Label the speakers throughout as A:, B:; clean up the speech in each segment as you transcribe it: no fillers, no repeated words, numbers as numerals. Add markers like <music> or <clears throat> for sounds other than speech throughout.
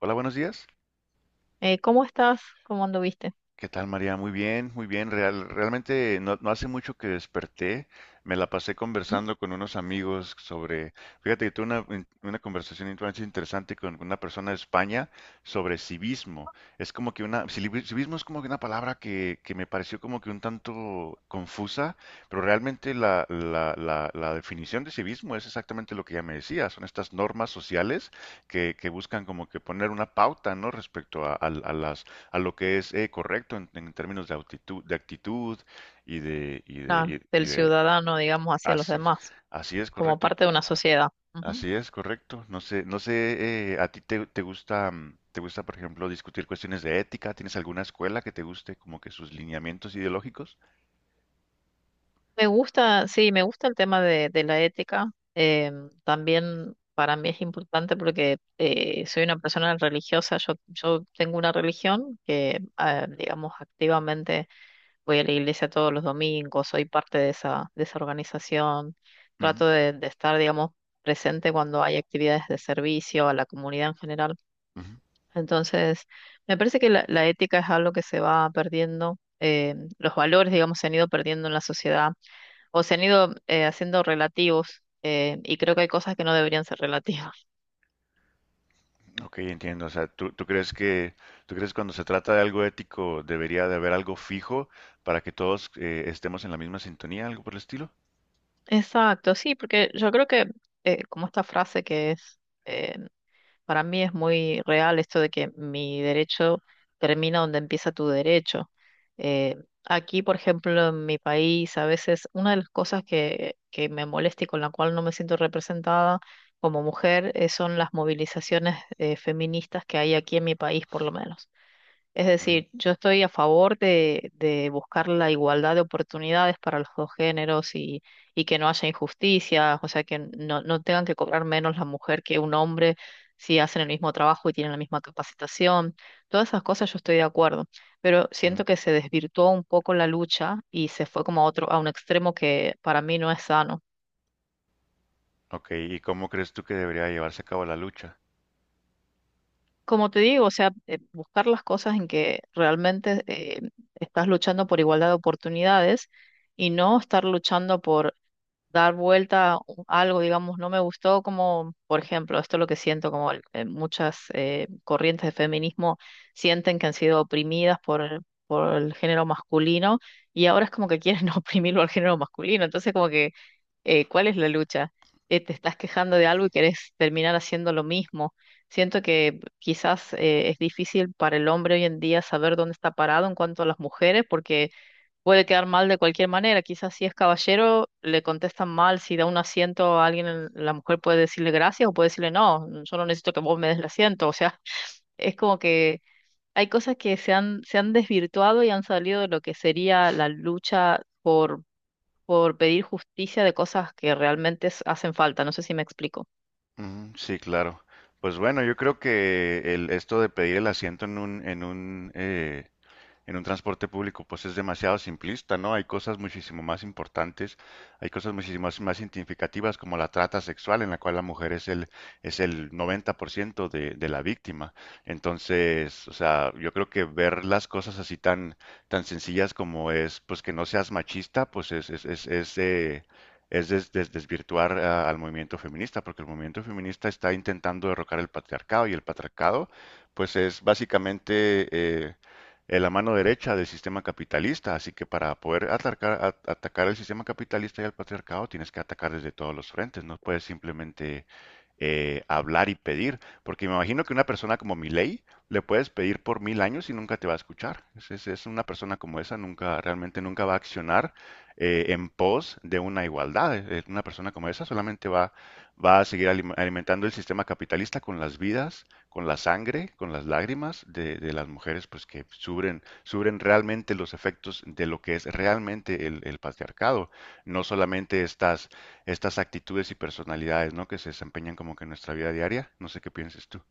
A: Hola, buenos días.
B: ¿Cómo estás? ¿Cómo anduviste?
A: ¿Qué tal, María? Muy bien, muy bien. Realmente no hace mucho que desperté. Me la pasé
B: ¿Mm?
A: conversando con unos amigos sobre, fíjate que tuve una conversación bastante interesante con una persona de España sobre civismo. Es como que civismo es como que una palabra que me pareció como que un tanto confusa, pero realmente la definición de civismo es exactamente lo que ya me decía. Son estas normas sociales que buscan como que poner una pauta, ¿no? Respecto a las a lo que es correcto en términos de actitud y de, y
B: Claro,
A: de, y y
B: del
A: de
B: ciudadano, digamos, hacia los
A: así es,
B: demás,
A: así es
B: como
A: correcto, y-
B: parte de una sociedad. Ujú.
A: así es correcto. No sé, a ti te, te gusta, te gusta, por ejemplo, discutir cuestiones de ética. ¿Tienes alguna escuela que te guste como que sus lineamientos ideológicos?
B: Me gusta, sí, me gusta el tema de la ética. eh, También para mí es importante porque soy una persona religiosa. Yo tengo una religión que, ah, digamos, activamente voy a la iglesia todos los domingos, soy parte de esa organización.
A: Ujú,
B: Trato de estar, digamos, presente cuando hay actividades de servicio a la comunidad en general.
A: ujú.
B: Entonces, me parece que la ética es algo que se va perdiendo, los valores, digamos, se han ido perdiendo en la sociedad o se han ido haciendo relativos, y creo que hay cosas que no deberían ser relativas.
A: Ok, entiendo. O sea, ¿tú crees que, tú crees que cuando se trata de algo ético debería de haber algo fijo para que todos estemos en la misma sintonía, algo por el estilo?
B: <laughs> Exacto, sí, porque yo creo que como esta frase que es... Para mí es muy real esto de que mi derecho termina donde empieza tu derecho. Eh, Aquí, por ejemplo, en mi país, a veces una de las cosas que me molesta y con la cual no me siento representada como mujer, son las movilizaciones feministas que hay aquí en mi país, por lo menos. Es
A: Ujú,
B: decir, yo estoy a favor de buscar la igualdad de oportunidades para los dos géneros y que no haya injusticias, o sea, que no, no tengan que cobrar menos la mujer que un hombre si hacen el mismo trabajo y tienen la misma capacitación. Todas esas cosas yo estoy de acuerdo, pero
A: ujú.
B: siento que se desvirtuó un poco la lucha y se fue como a otro, a un extremo que para mí no es sano.
A: Ok, ¿y cómo crees tú que debería llevarse a cabo la lucha?
B: Como te digo, o sea, buscar las cosas en que realmente estás luchando por igualdad de oportunidades y no estar luchando por dar vuelta a algo, digamos, no me gustó como, por ejemplo, esto es lo que siento, como muchas corrientes de feminismo sienten que han sido oprimidas por el género masculino y ahora es como que quieren <laughs> oprimirlo al género masculino, entonces como que, ¿cuál es la lucha? Te estás quejando de algo y querés terminar haciendo lo mismo. Siento que quizás, es difícil para el hombre hoy en día saber dónde está parado en cuanto a las mujeres, porque puede quedar mal de cualquier manera. Quizás si es caballero, le contestan mal, si da un asiento a alguien, la mujer puede decirle gracias o puede decirle no, yo no necesito que vos me des el asiento. O sea, <laughs> es como que hay cosas que se han desvirtuado y han salido de lo que sería la lucha por pedir justicia de cosas que realmente hacen falta. No sé si me explico.
A: Ujú, sí, claro. Pues bueno, yo creo que el, esto de pedir el asiento en un, en un, en un transporte público, pues es demasiado simplista, ¿no? Hay cosas muchísimo más importantes, hay cosas muchísimo más, más significativas como la trata sexual, en la cual la mujer es el 90% de la víctima. Entonces, o sea, yo creo que ver las cosas así tan, tan sencillas como es, pues que no seas machista, pues es desvirtuar ah, al movimiento feminista, porque el movimiento feminista está intentando derrocar el patriarcado y el patriarcado, pues es básicamente en la mano derecha del sistema capitalista. Así que para poder atacar el sistema capitalista y el patriarcado tienes que atacar desde todos los frentes. No puedes simplemente hablar y pedir, porque me imagino que una persona como Milei le puedes pedir por 1000 años y nunca te va a escuchar. Es una persona como esa, nunca, realmente nunca va a accionar en pos de una igualdad. Una persona como esa solamente va, va a seguir alimentando el sistema capitalista con las vidas con la sangre, con las lágrimas de las mujeres, pues que sufren, sufren realmente los efectos de lo que es realmente el patriarcado, no solamente estas, estas actitudes y personalidades, ¿no? Que se desempeñan como que en nuestra vida diaria. No sé qué pienses tú.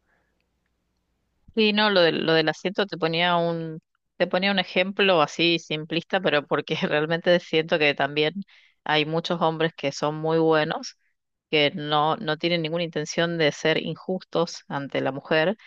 B: Sí, no, lo del asiento te ponía un ejemplo así simplista, pero porque <laughs> realmente siento que también hay muchos hombres que son muy buenos, que no, no tienen ninguna intención de ser injustos ante la mujer,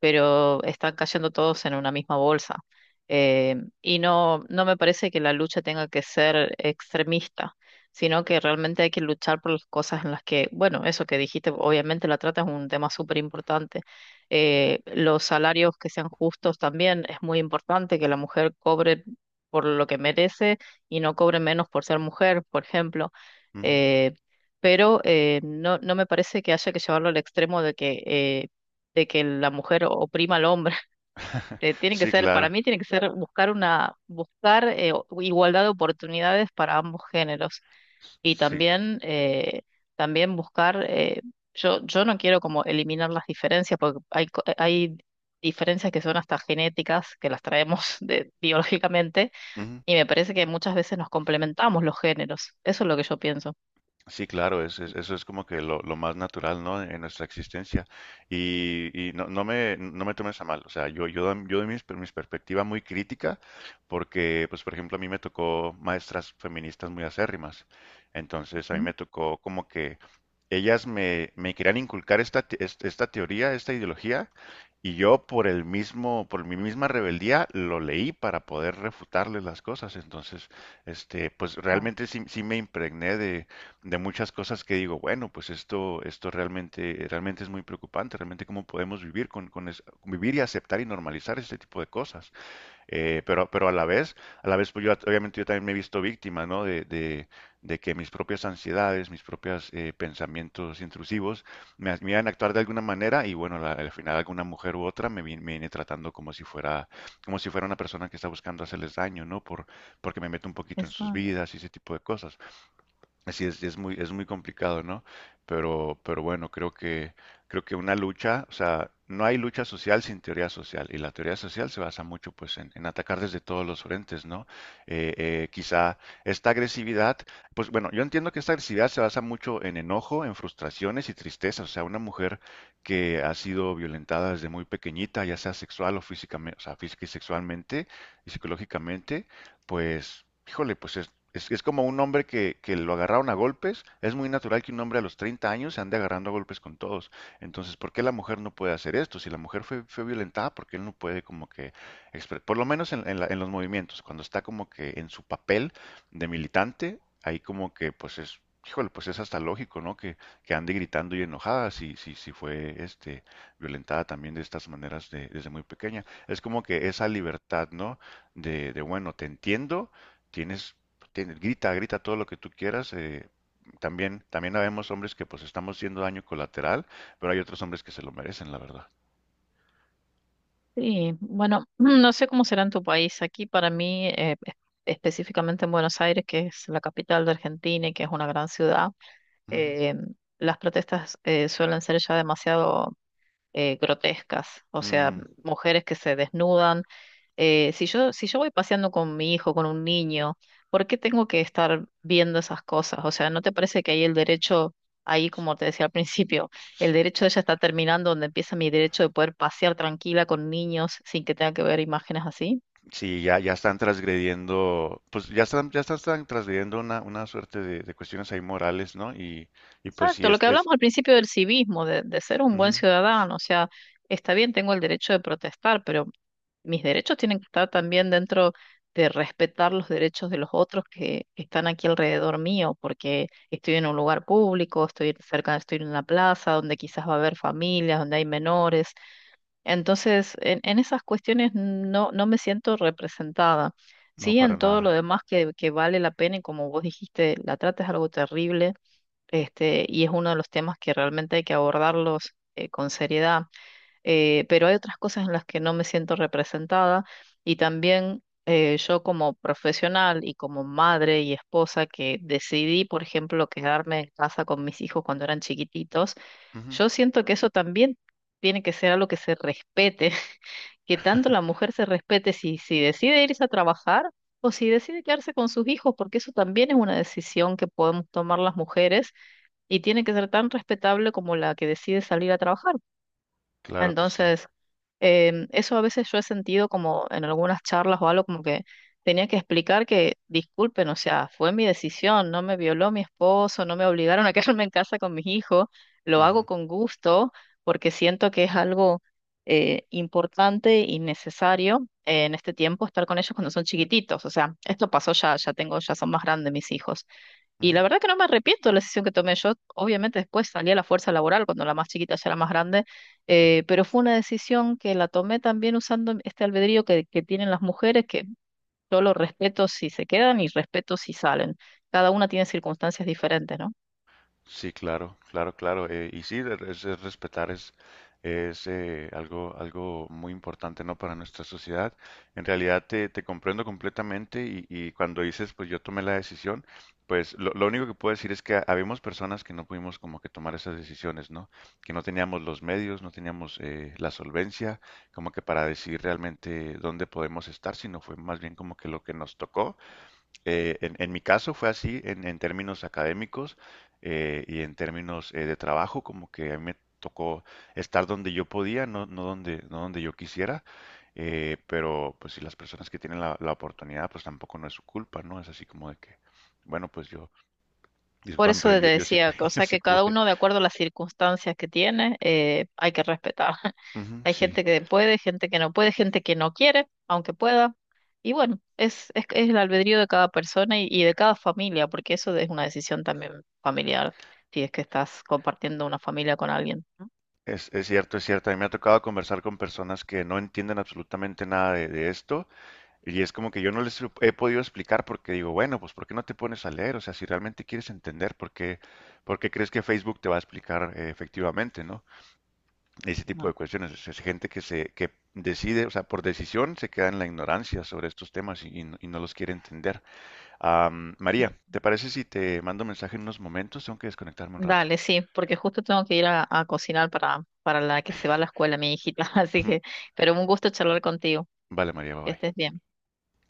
B: pero están cayendo todos en una misma bolsa. Eh, y no, no me parece que la lucha tenga que ser extremista, sino que realmente hay que luchar por las cosas en las que, bueno, eso que dijiste, obviamente la trata es un tema súper importante. Los salarios que sean justos también es muy importante, que la mujer cobre por lo que merece y no cobre menos por ser mujer, por ejemplo.
A: Ujú.
B: Eh, pero, no, no me parece que haya que llevarlo al extremo de que, de que la mujer oprima al hombre. <laughs>
A: <laughs>
B: Tiene que
A: Sí,
B: ser, para
A: claro.
B: mí tiene que ser buscar una, buscar igualdad de oportunidades para ambos géneros y
A: Sí.
B: también, también buscar, yo, yo no quiero como eliminar las diferencias porque hay, hay diferencias que son hasta genéticas, que las traemos <laughs> de, biológicamente, y me parece que muchas veces nos complementamos los géneros. Eso es lo que yo pienso.
A: Sí, claro, eso es como que lo más natural, ¿no? En nuestra existencia. Y no, no me tomes a mal, o sea, yo, yo doy mis perspectiva muy crítica porque, pues, por ejemplo, a mí me tocó maestras feministas muy acérrimas. Entonces, a mí
B: Ujú.
A: me tocó como que ellas me querían inculcar esta teoría, esta ideología, y yo por el mismo, por mi misma rebeldía lo leí para poder refutarles las cosas. Entonces, este, pues
B: Ah.
A: realmente sí, sí me impregné de muchas cosas que digo, bueno, pues esto realmente, realmente es muy preocupante, realmente cómo podemos vivir con vivir y aceptar y normalizar este tipo de cosas. Pero a la vez, pues yo obviamente yo también me he visto víctima, ¿no? De que mis propias ansiedades, mis propios pensamientos intrusivos me hacían actuar de alguna manera y bueno, al final alguna mujer u otra me viene tratando como si fuera una persona que está buscando hacerles daño, ¿no? Por, porque me meto un poquito en sus
B: Eso.
A: vidas y ese tipo de cosas. Así es muy complicado, ¿no? Pero bueno, creo que una lucha, o sea, no hay lucha social sin teoría social, y la teoría social se basa mucho, pues, en atacar desde todos los frentes, ¿no? Quizá esta agresividad, pues, bueno, yo entiendo que esta agresividad se basa mucho en enojo, en frustraciones y tristezas, o sea, una mujer que ha sido violentada desde muy pequeñita, ya sea sexual o físicamente, o sea, física y sexualmente y psicológicamente, pues, híjole, pues es como un hombre que lo agarraron a golpes. Es muy natural que un hombre a los 30 años se ande agarrando a golpes con todos. Entonces, ¿por qué la mujer no puede hacer esto? Si la mujer fue, fue violentada, ¿por qué él no puede como que, por lo menos en los movimientos, cuando está como que en su papel de militante, ahí como que pues es, híjole, pues es hasta lógico, ¿no? Que ande gritando y enojada si fue este, violentada también de estas maneras desde muy pequeña. Es como que esa libertad, ¿no? De bueno, te entiendo tienes grita, grita todo lo que tú quieras. También, también habemos hombres que pues estamos siendo daño colateral, pero hay otros hombres que se lo merecen, la verdad.
B: Sí, bueno, <clears throat> no sé cómo será en tu país. Aquí para mí, específicamente en Buenos Aires, que es la capital de Argentina y que es una gran ciudad,
A: Ujú.
B: eh, las protestas suelen ser ya demasiado, grotescas. O sea,
A: Mm,
B: mujeres que se desnudan, si yo, si yo voy paseando con mi hijo, con un niño, ¿por qué tengo que estar viendo esas cosas? O sea, ¿no te parece que hay el derecho, ahí como te decía al <laughs> principio, el derecho de ella está terminando donde empieza mi derecho de poder pasear tranquila con niños sin que tenga que ver imágenes así?
A: sí, ya, ya están transgrediendo, pues ya están, están transgrediendo una suerte de cuestiones ahí morales, ¿no? Y pues sí,
B: Exacto, lo que
A: es,
B: hablamos al principio del civismo, de ser un buen
A: ujú,
B: ciudadano, o sea, está bien, tengo el derecho de protestar, pero mis derechos tienen que estar también dentro de respetar los derechos de los otros que están aquí alrededor mío, porque estoy en un lugar público, estoy cerca, estoy en una plaza donde quizás va a haber familias, donde hay menores. Entonces, en esas cuestiones no, no me siento representada.
A: no
B: Sí,
A: para
B: en todo
A: nada.
B: lo demás que vale la pena y como vos dijiste, la trata es algo terrible, este, y es uno de los temas que realmente hay que abordarlos, con seriedad, pero hay otras cosas en las que no me siento representada, y también, yo como profesional y como madre y esposa que decidí, por ejemplo, quedarme en casa con mis hijos cuando eran chiquititos,
A: Ujú,
B: yo siento que eso también tiene que ser algo que se respete, <laughs> que tanto la mujer se respete si, si decide irse a trabajar. O si decide quedarse con sus hijos, porque eso también es una decisión que podemos tomar las mujeres y tiene que ser tan respetable como la que decide salir a trabajar.
A: claro que sí.
B: Entonces, em, eso a veces yo he sentido como en algunas charlas o algo como que tenía que explicar que, disculpen, o sea, fue mi decisión, no me violó mi esposo, no me obligaron a <laughs> quedarme en casa con mis hijos, lo hago
A: Ujú,
B: con gusto porque siento que es algo, importante y necesario, en este tiempo estar con ellos cuando son chiquititos. O sea, esto pasó ya, ya tengo, ya son más grandes mis hijos y
A: ujú,
B: la verdad que no me arrepiento de la decisión que tomé. Yo, obviamente, después salí a la fuerza laboral cuando la más chiquita ya era más grande,
A: ujú.
B: pero fue una decisión que la tomé también usando este albedrío que tienen las mujeres, que yo lo respeto si se quedan y respeto si salen. Cada una tiene circunstancias diferentes, ¿no?
A: Sí, claro, claro, claro. Y sí, es respetar es algo, algo muy importante, ¿no? Para nuestra sociedad. En realidad te, te comprendo completamente y cuando dices, pues yo tomé la decisión, pues lo único que puedo decir es que habíamos personas que no pudimos como que tomar esas decisiones, ¿no? Que no teníamos los medios, no teníamos la solvencia como que para decir realmente dónde podemos estar, sino fue más bien como que lo que nos tocó en mi caso fue así en términos académicos y en términos de trabajo, como que a mí me tocó estar donde yo podía, no, no donde, no donde yo quisiera, pero pues si las personas que tienen la, la oportunidad, pues tampoco no es su culpa, ¿no? Es así como de que, bueno, pues yo,
B: Por
A: discúlpame,
B: eso
A: pero
B: te
A: yo sí,
B: decía, o
A: <laughs> yo
B: sea
A: sí
B: que cada
A: pude.
B: uno de acuerdo a las circunstancias que tiene, hay que respetar. <laughs>
A: Ujú,
B: Hay
A: sí,
B: gente que puede, gente que no puede, gente que no quiere, aunque pueda. Y bueno, es el albedrío de cada persona y de cada familia, porque eso es una decisión también familiar, si es que estás compartiendo una familia con alguien, ¿no?
A: es cierto, es cierto. A mí me ha tocado conversar con personas que no entienden absolutamente nada de, de esto. Y es como que yo no les lo he podido explicar porque digo, bueno, pues ¿por qué no te pones a leer? O sea, si realmente quieres entender, por qué crees que Facebook te va a explicar efectivamente, ¿no? Ese tipo de
B: Bueno.
A: cuestiones. O sea, es gente que se, que decide, o sea, por decisión se queda en la ignorancia sobre estos temas y no los quiere entender.
B: Mm.
A: María, ¿te parece si te mando mensaje en unos momentos? Tengo que desconectarme un rato.
B: Dale, sí, porque justo tengo que ir a cocinar para la que se va a la escuela, mi hijita. <laughs> Así que,
A: <laughs>
B: pero un gusto charlar contigo.
A: Vale, María, bye
B: Que estés
A: bye.
B: bien.